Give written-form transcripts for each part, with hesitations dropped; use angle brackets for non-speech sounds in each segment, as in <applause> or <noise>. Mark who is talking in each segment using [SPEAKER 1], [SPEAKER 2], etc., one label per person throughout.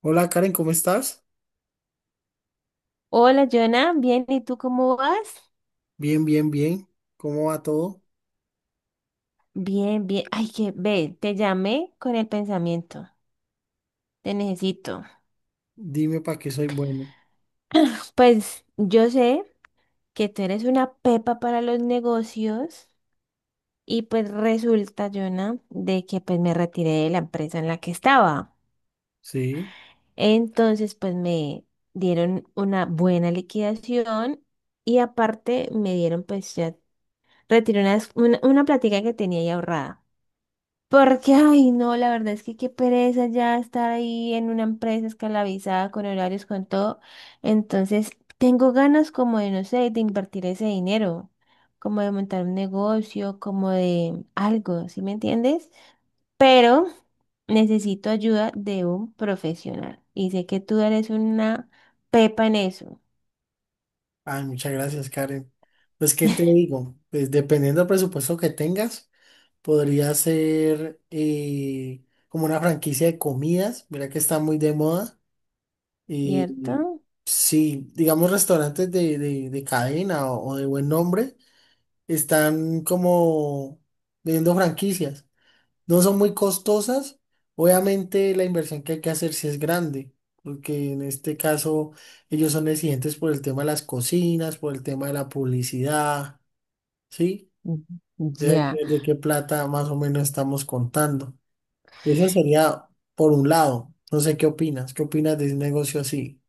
[SPEAKER 1] Hola Karen, ¿cómo estás?
[SPEAKER 2] Hola, Jonah, bien, ¿y tú cómo vas?
[SPEAKER 1] Bien, bien, bien. ¿Cómo va todo?
[SPEAKER 2] Bien, bien. Ay, que ve, te llamé con el pensamiento. Te necesito.
[SPEAKER 1] Dime para qué soy bueno.
[SPEAKER 2] Pues yo sé que tú eres una pepa para los negocios y pues resulta, Jonah, de que pues me retiré de la empresa en la que estaba.
[SPEAKER 1] Sí.
[SPEAKER 2] Entonces, pues me dieron una buena liquidación y aparte me dieron pues ya retiré una plática que tenía ahí ahorrada. Porque, ay, no, la verdad es que qué pereza ya estar ahí en una empresa esclavizada con horarios, con todo. Entonces, tengo ganas como de, no sé, de invertir ese dinero, como de montar un negocio, como de algo, ¿sí me entiendes? Pero necesito ayuda de un profesional. Y sé que tú eres una pepa en eso,
[SPEAKER 1] Ay, muchas gracias, Karen. Pues, ¿qué te digo? Pues, dependiendo del presupuesto que tengas, podría ser como una franquicia de comidas. Mira que está muy de moda. Y
[SPEAKER 2] ¿cierto?
[SPEAKER 1] sí, digamos, restaurantes de cadena o de buen nombre están como vendiendo franquicias. No son muy costosas. Obviamente la inversión que hay que hacer sí es grande, porque en este caso ellos son exigentes por el tema de las cocinas, por el tema de la publicidad, ¿sí?
[SPEAKER 2] Mm, ya.
[SPEAKER 1] De qué plata más o menos estamos contando. Eso sería por un lado. No sé qué opinas. ¿Qué opinas de un negocio así?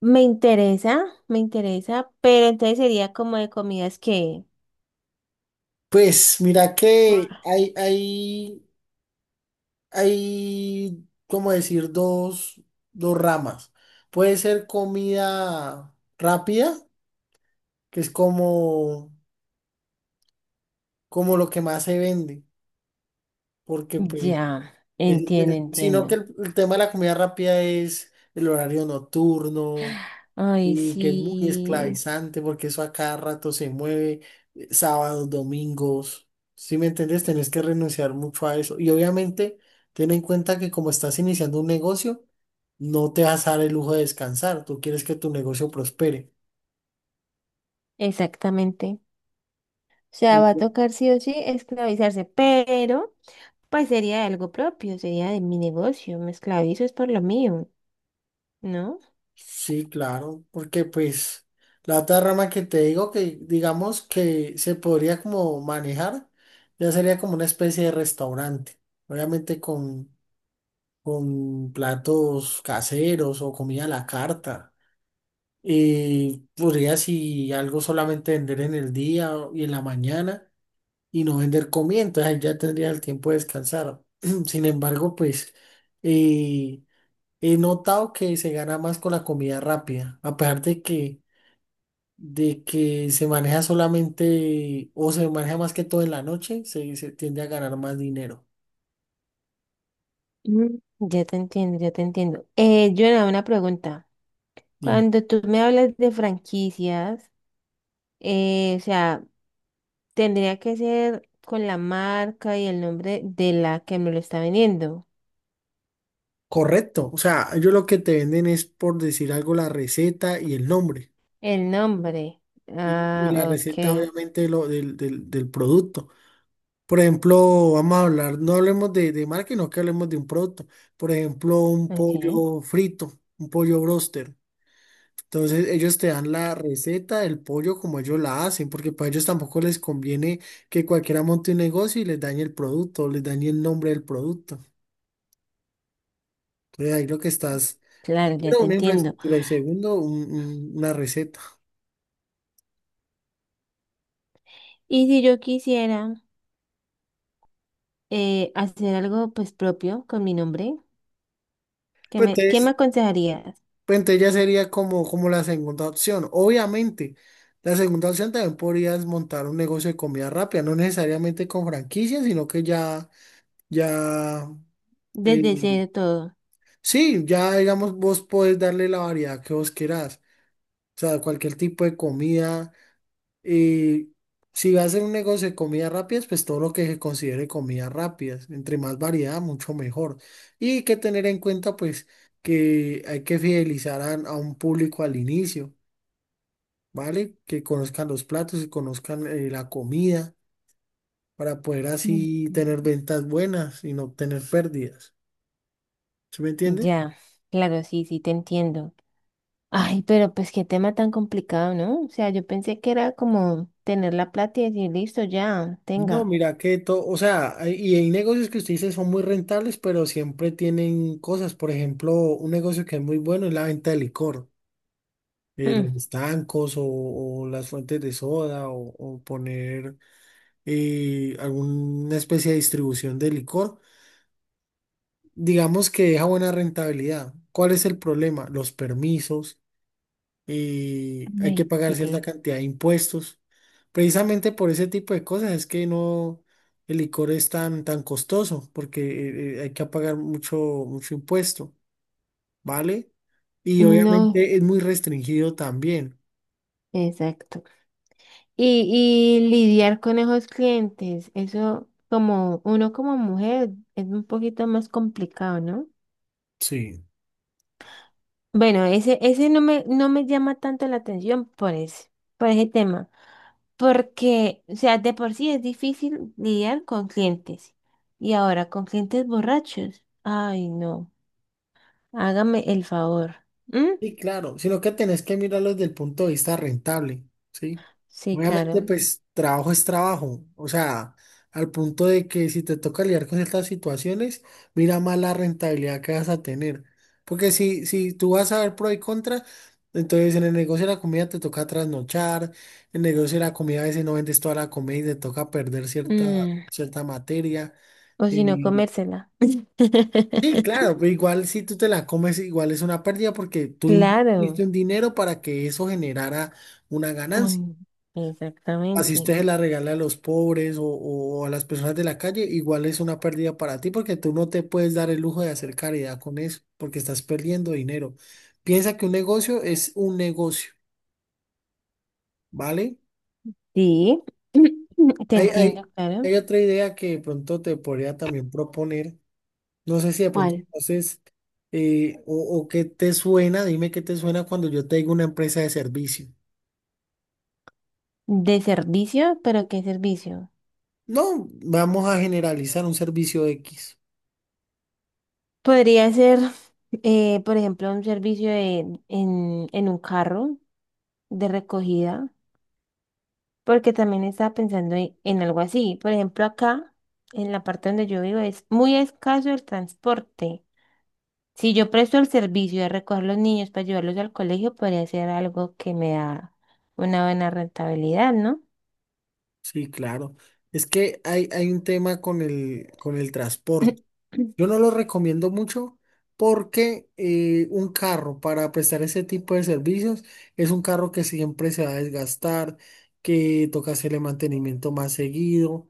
[SPEAKER 2] Me interesa, pero entonces sería como de comidas que.
[SPEAKER 1] Pues mira que hay, como decir, dos ramas. Puede ser comida rápida que es como, como lo que más se vende, porque pues,
[SPEAKER 2] Ya, entiendo,
[SPEAKER 1] sino que
[SPEAKER 2] entiendo.
[SPEAKER 1] el tema de la comida rápida es el horario nocturno
[SPEAKER 2] Ay,
[SPEAKER 1] y que es muy
[SPEAKER 2] sí,
[SPEAKER 1] esclavizante porque eso a cada rato se mueve, sábados, domingos, ¿si me entiendes? Tenés que renunciar mucho a eso y obviamente ten en cuenta que como estás iniciando un negocio, no te vas a dar el lujo de descansar, tú quieres que tu negocio prospere.
[SPEAKER 2] exactamente. O sea, va a tocar sí o sí esclavizarse, pero pues sería algo propio, sería de mi negocio, me esclavizo es por lo mío, ¿no?
[SPEAKER 1] Sí, claro, porque pues la otra rama que te digo que digamos que se podría como manejar, ya sería como una especie de restaurante, obviamente con platos caseros o comida a la carta. Y podría si algo solamente vender en el día y en la mañana y no vender comida, entonces ahí ya tendría el tiempo de descansar. <clears throat> Sin embargo, pues... eh, he notado que se gana más con la comida rápida, aparte que de que se maneja solamente o se maneja más que todo en la noche, se tiende a ganar más dinero.
[SPEAKER 2] Mm. Ya te entiendo, ya te entiendo. Jonah, una pregunta.
[SPEAKER 1] Dime.
[SPEAKER 2] Cuando tú me hablas de franquicias, o sea, tendría que ser con la marca y el nombre de la que me lo está vendiendo.
[SPEAKER 1] Correcto. O sea, ellos lo que te venden es por decir algo la receta y el nombre.
[SPEAKER 2] El nombre.
[SPEAKER 1] Y la
[SPEAKER 2] Ah,
[SPEAKER 1] receta,
[SPEAKER 2] ok.
[SPEAKER 1] obviamente, lo, del producto. Por ejemplo, vamos a hablar, no hablemos de marca, sino que hablemos de un producto. Por ejemplo, un
[SPEAKER 2] Ok,
[SPEAKER 1] pollo frito, un pollo broster. Entonces ellos te dan la receta del pollo como ellos la hacen, porque para ellos tampoco les conviene que cualquiera monte un negocio y les dañe el producto, o les dañe el nombre del producto. Entonces ahí lo que estás,
[SPEAKER 2] claro, ya
[SPEAKER 1] primero
[SPEAKER 2] te
[SPEAKER 1] una
[SPEAKER 2] entiendo.
[SPEAKER 1] infraestructura y segundo una receta.
[SPEAKER 2] Y si yo quisiera hacer algo pues propio con mi nombre, ¿qué
[SPEAKER 1] Pues
[SPEAKER 2] me, qué me
[SPEAKER 1] entonces,
[SPEAKER 2] aconsejarías?
[SPEAKER 1] pues, entonces ya sería como, como la segunda opción. Obviamente, la segunda opción también podrías montar un negocio de comida rápida, no necesariamente con franquicia, sino que ya, ya... eh,
[SPEAKER 2] Desde cero todo.
[SPEAKER 1] sí, ya digamos, vos podés darle la variedad que vos querás. O sea, cualquier tipo de comida. Y si vas a hacer un negocio de comidas rápidas, pues todo lo que se considere comidas rápidas. Entre más variedad, mucho mejor. Y hay que tener en cuenta, pues, que hay que fidelizar a un público al inicio, ¿vale? Que conozcan los platos, que conozcan la comida, para poder
[SPEAKER 2] Ujú.
[SPEAKER 1] así tener ventas buenas y no tener pérdidas. ¿Sí me entiende?
[SPEAKER 2] Ya, claro, sí, sí, te entiendo. Ay, pero pues qué tema tan complicado, ¿no? O sea, yo pensé que era como tener la plata y decir, listo, ya,
[SPEAKER 1] No,
[SPEAKER 2] tenga.
[SPEAKER 1] mira que todo, o sea, hay negocios que usted dice son muy rentables, pero siempre tienen cosas. Por ejemplo, un negocio que es muy bueno es la venta de licor, los
[SPEAKER 2] Mm,
[SPEAKER 1] estancos o las fuentes de soda o poner alguna especie de distribución de licor. Digamos que deja buena rentabilidad. ¿Cuál es el problema? Los permisos. Y hay que
[SPEAKER 2] ay,
[SPEAKER 1] pagar cierta
[SPEAKER 2] sí.
[SPEAKER 1] cantidad de impuestos. Precisamente por ese tipo de cosas es que no el licor es tan, tan costoso, porque hay que pagar mucho, mucho impuesto, ¿vale? Y
[SPEAKER 2] No,
[SPEAKER 1] obviamente es muy restringido también.
[SPEAKER 2] exacto. Y lidiar con esos clientes, eso como uno como mujer es un poquito más complicado, ¿no?
[SPEAKER 1] Sí.
[SPEAKER 2] Bueno, ese no me, llama tanto la atención por ese tema, porque, o sea, de por sí es difícil lidiar con clientes. Y ahora con clientes borrachos. Ay, no, hágame el favor. ¿Mm?
[SPEAKER 1] Sí, claro, sino que tenés que mirarlo desde el punto de vista rentable, ¿sí?
[SPEAKER 2] Sí,
[SPEAKER 1] Obviamente,
[SPEAKER 2] claro.
[SPEAKER 1] pues trabajo es trabajo, o sea, al punto de que si te toca lidiar con estas situaciones, mira más la rentabilidad que vas a tener. Porque si, si tú vas a ver pro y contra, entonces en el negocio de la comida te toca trasnochar, en el negocio de la comida a veces no vendes toda la comida y te toca perder cierta,
[SPEAKER 2] Mm.
[SPEAKER 1] cierta materia.
[SPEAKER 2] O si no,
[SPEAKER 1] eh,
[SPEAKER 2] comérsela.
[SPEAKER 1] Sí,
[SPEAKER 2] <laughs>
[SPEAKER 1] claro, pero igual si tú te la comes, igual es una pérdida porque tú invertiste
[SPEAKER 2] Claro.
[SPEAKER 1] un dinero para que eso generara una ganancia.
[SPEAKER 2] Mm,
[SPEAKER 1] Así
[SPEAKER 2] exactamente.
[SPEAKER 1] usted se la regala a los pobres o a las personas de la calle, igual es una pérdida para ti porque tú no te puedes dar el lujo de hacer caridad con eso porque estás perdiendo dinero. Piensa que un negocio es un negocio, ¿vale?
[SPEAKER 2] Sí, <clears throat> te
[SPEAKER 1] Hay,
[SPEAKER 2] entiendo,
[SPEAKER 1] hay,
[SPEAKER 2] claro.
[SPEAKER 1] hay otra idea que de pronto te podría también proponer. No sé si de pronto
[SPEAKER 2] ¿Cuál?
[SPEAKER 1] entonces, o qué te suena, dime qué te suena cuando yo te digo una empresa de servicio.
[SPEAKER 2] De servicio, pero ¿qué servicio?
[SPEAKER 1] No, vamos a generalizar un servicio X.
[SPEAKER 2] Podría ser, <laughs> por ejemplo, en un carro de recogida, porque también estaba pensando en algo así. Por ejemplo, acá, en la parte donde yo vivo, es muy escaso el transporte. Si yo presto el servicio de recoger los niños para llevarlos al colegio, podría ser algo que me da una buena rentabilidad, ¿no?
[SPEAKER 1] Sí, claro. Es que hay un tema con el transporte. Yo no lo recomiendo mucho porque un carro para prestar ese tipo de servicios es un carro que siempre se va a desgastar, que toca hacerle mantenimiento más seguido,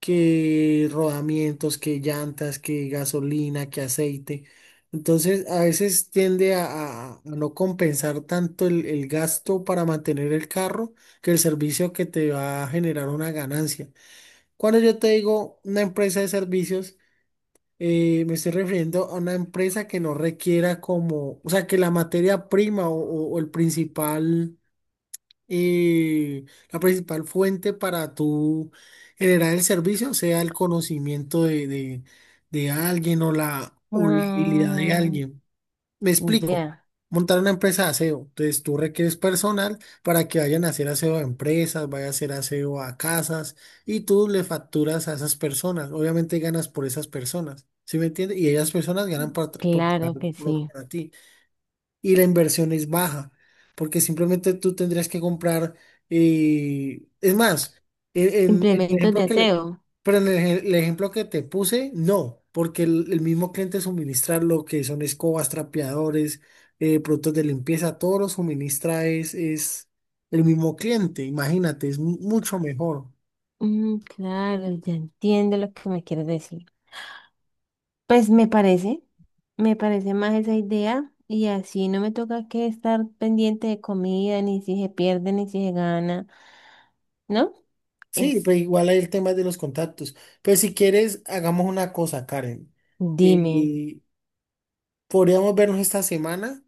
[SPEAKER 1] que rodamientos, que llantas, que gasolina, que aceite. Entonces a veces tiende a no compensar tanto el gasto para mantener el carro que el servicio que te va a generar una ganancia. Cuando yo te digo una empresa de servicios, me estoy refiriendo a una empresa que no requiera como, o sea, que la materia prima o el principal, eh, la principal fuente para tu generar el servicio sea el conocimiento de alguien o la habilidad de
[SPEAKER 2] Ah,
[SPEAKER 1] alguien. Me explico.
[SPEAKER 2] ya,
[SPEAKER 1] Montar una empresa de aseo. Entonces tú requieres personal para que vayan a hacer aseo a empresas, vaya a hacer aseo a casas y tú le facturas a esas personas. Obviamente ganas por esas personas. ¿Sí me entiendes? Y ellas personas ganan
[SPEAKER 2] claro que sí.
[SPEAKER 1] para ti y la inversión es baja, porque simplemente tú tendrías que comprar, es más, en el
[SPEAKER 2] Implementos de
[SPEAKER 1] ejemplo que le-
[SPEAKER 2] aseo.
[SPEAKER 1] pero en el, el ejemplo que te puse, no, porque el mismo cliente suministra lo que son escobas, trapeadores, productos de limpieza, todo lo suministra es el mismo cliente, imagínate, es mucho mejor.
[SPEAKER 2] Mm, claro, ya entiendo lo que me quieres decir. Pues me parece más esa idea y así no me toca que estar pendiente de comida, ni si se pierde, ni si se gana, ¿no?
[SPEAKER 1] Sí, pero
[SPEAKER 2] Es,
[SPEAKER 1] igual hay el tema de los contactos. Pero si quieres, hagamos una cosa, Karen.
[SPEAKER 2] dime,
[SPEAKER 1] Eh, podríamos vernos esta semana.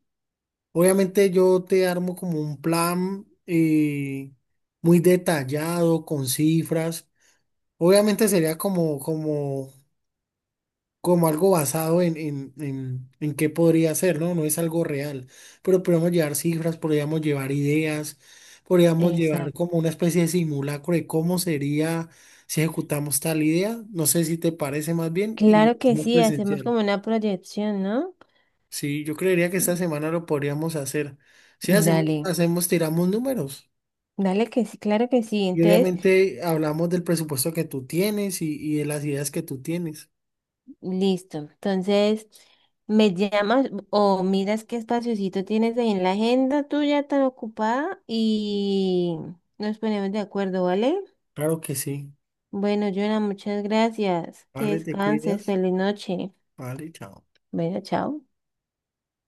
[SPEAKER 1] Obviamente yo te armo como un plan muy detallado, con cifras. Obviamente sería como, como, como algo basado en qué podría ser, ¿no? No es algo real, pero podríamos llevar cifras, podríamos llevar ideas, podríamos llevar
[SPEAKER 2] exacto.
[SPEAKER 1] como una especie de simulacro de cómo sería si ejecutamos tal idea. No sé si te parece más bien y
[SPEAKER 2] Claro
[SPEAKER 1] lo
[SPEAKER 2] que
[SPEAKER 1] hacemos
[SPEAKER 2] sí, hacemos
[SPEAKER 1] presencial.
[SPEAKER 2] como una proyección, ¿no?
[SPEAKER 1] Sí, yo creería que esta semana lo podríamos hacer. Si hacemos,
[SPEAKER 2] Dale,
[SPEAKER 1] hacemos, tiramos números.
[SPEAKER 2] dale que sí, claro que sí.
[SPEAKER 1] Y
[SPEAKER 2] Entonces,
[SPEAKER 1] obviamente hablamos del presupuesto que tú tienes y de las ideas que tú tienes.
[SPEAKER 2] listo. Entonces, me llamas o miras qué espaciocito tienes ahí en la agenda tuya tan ocupada y nos ponemos de acuerdo, ¿vale?
[SPEAKER 1] Claro que sí.
[SPEAKER 2] Bueno, Joana, muchas gracias. Que
[SPEAKER 1] Vale, te
[SPEAKER 2] descanses.
[SPEAKER 1] cuidas.
[SPEAKER 2] Feliz noche.
[SPEAKER 1] Vale, chao.
[SPEAKER 2] Bueno, chao.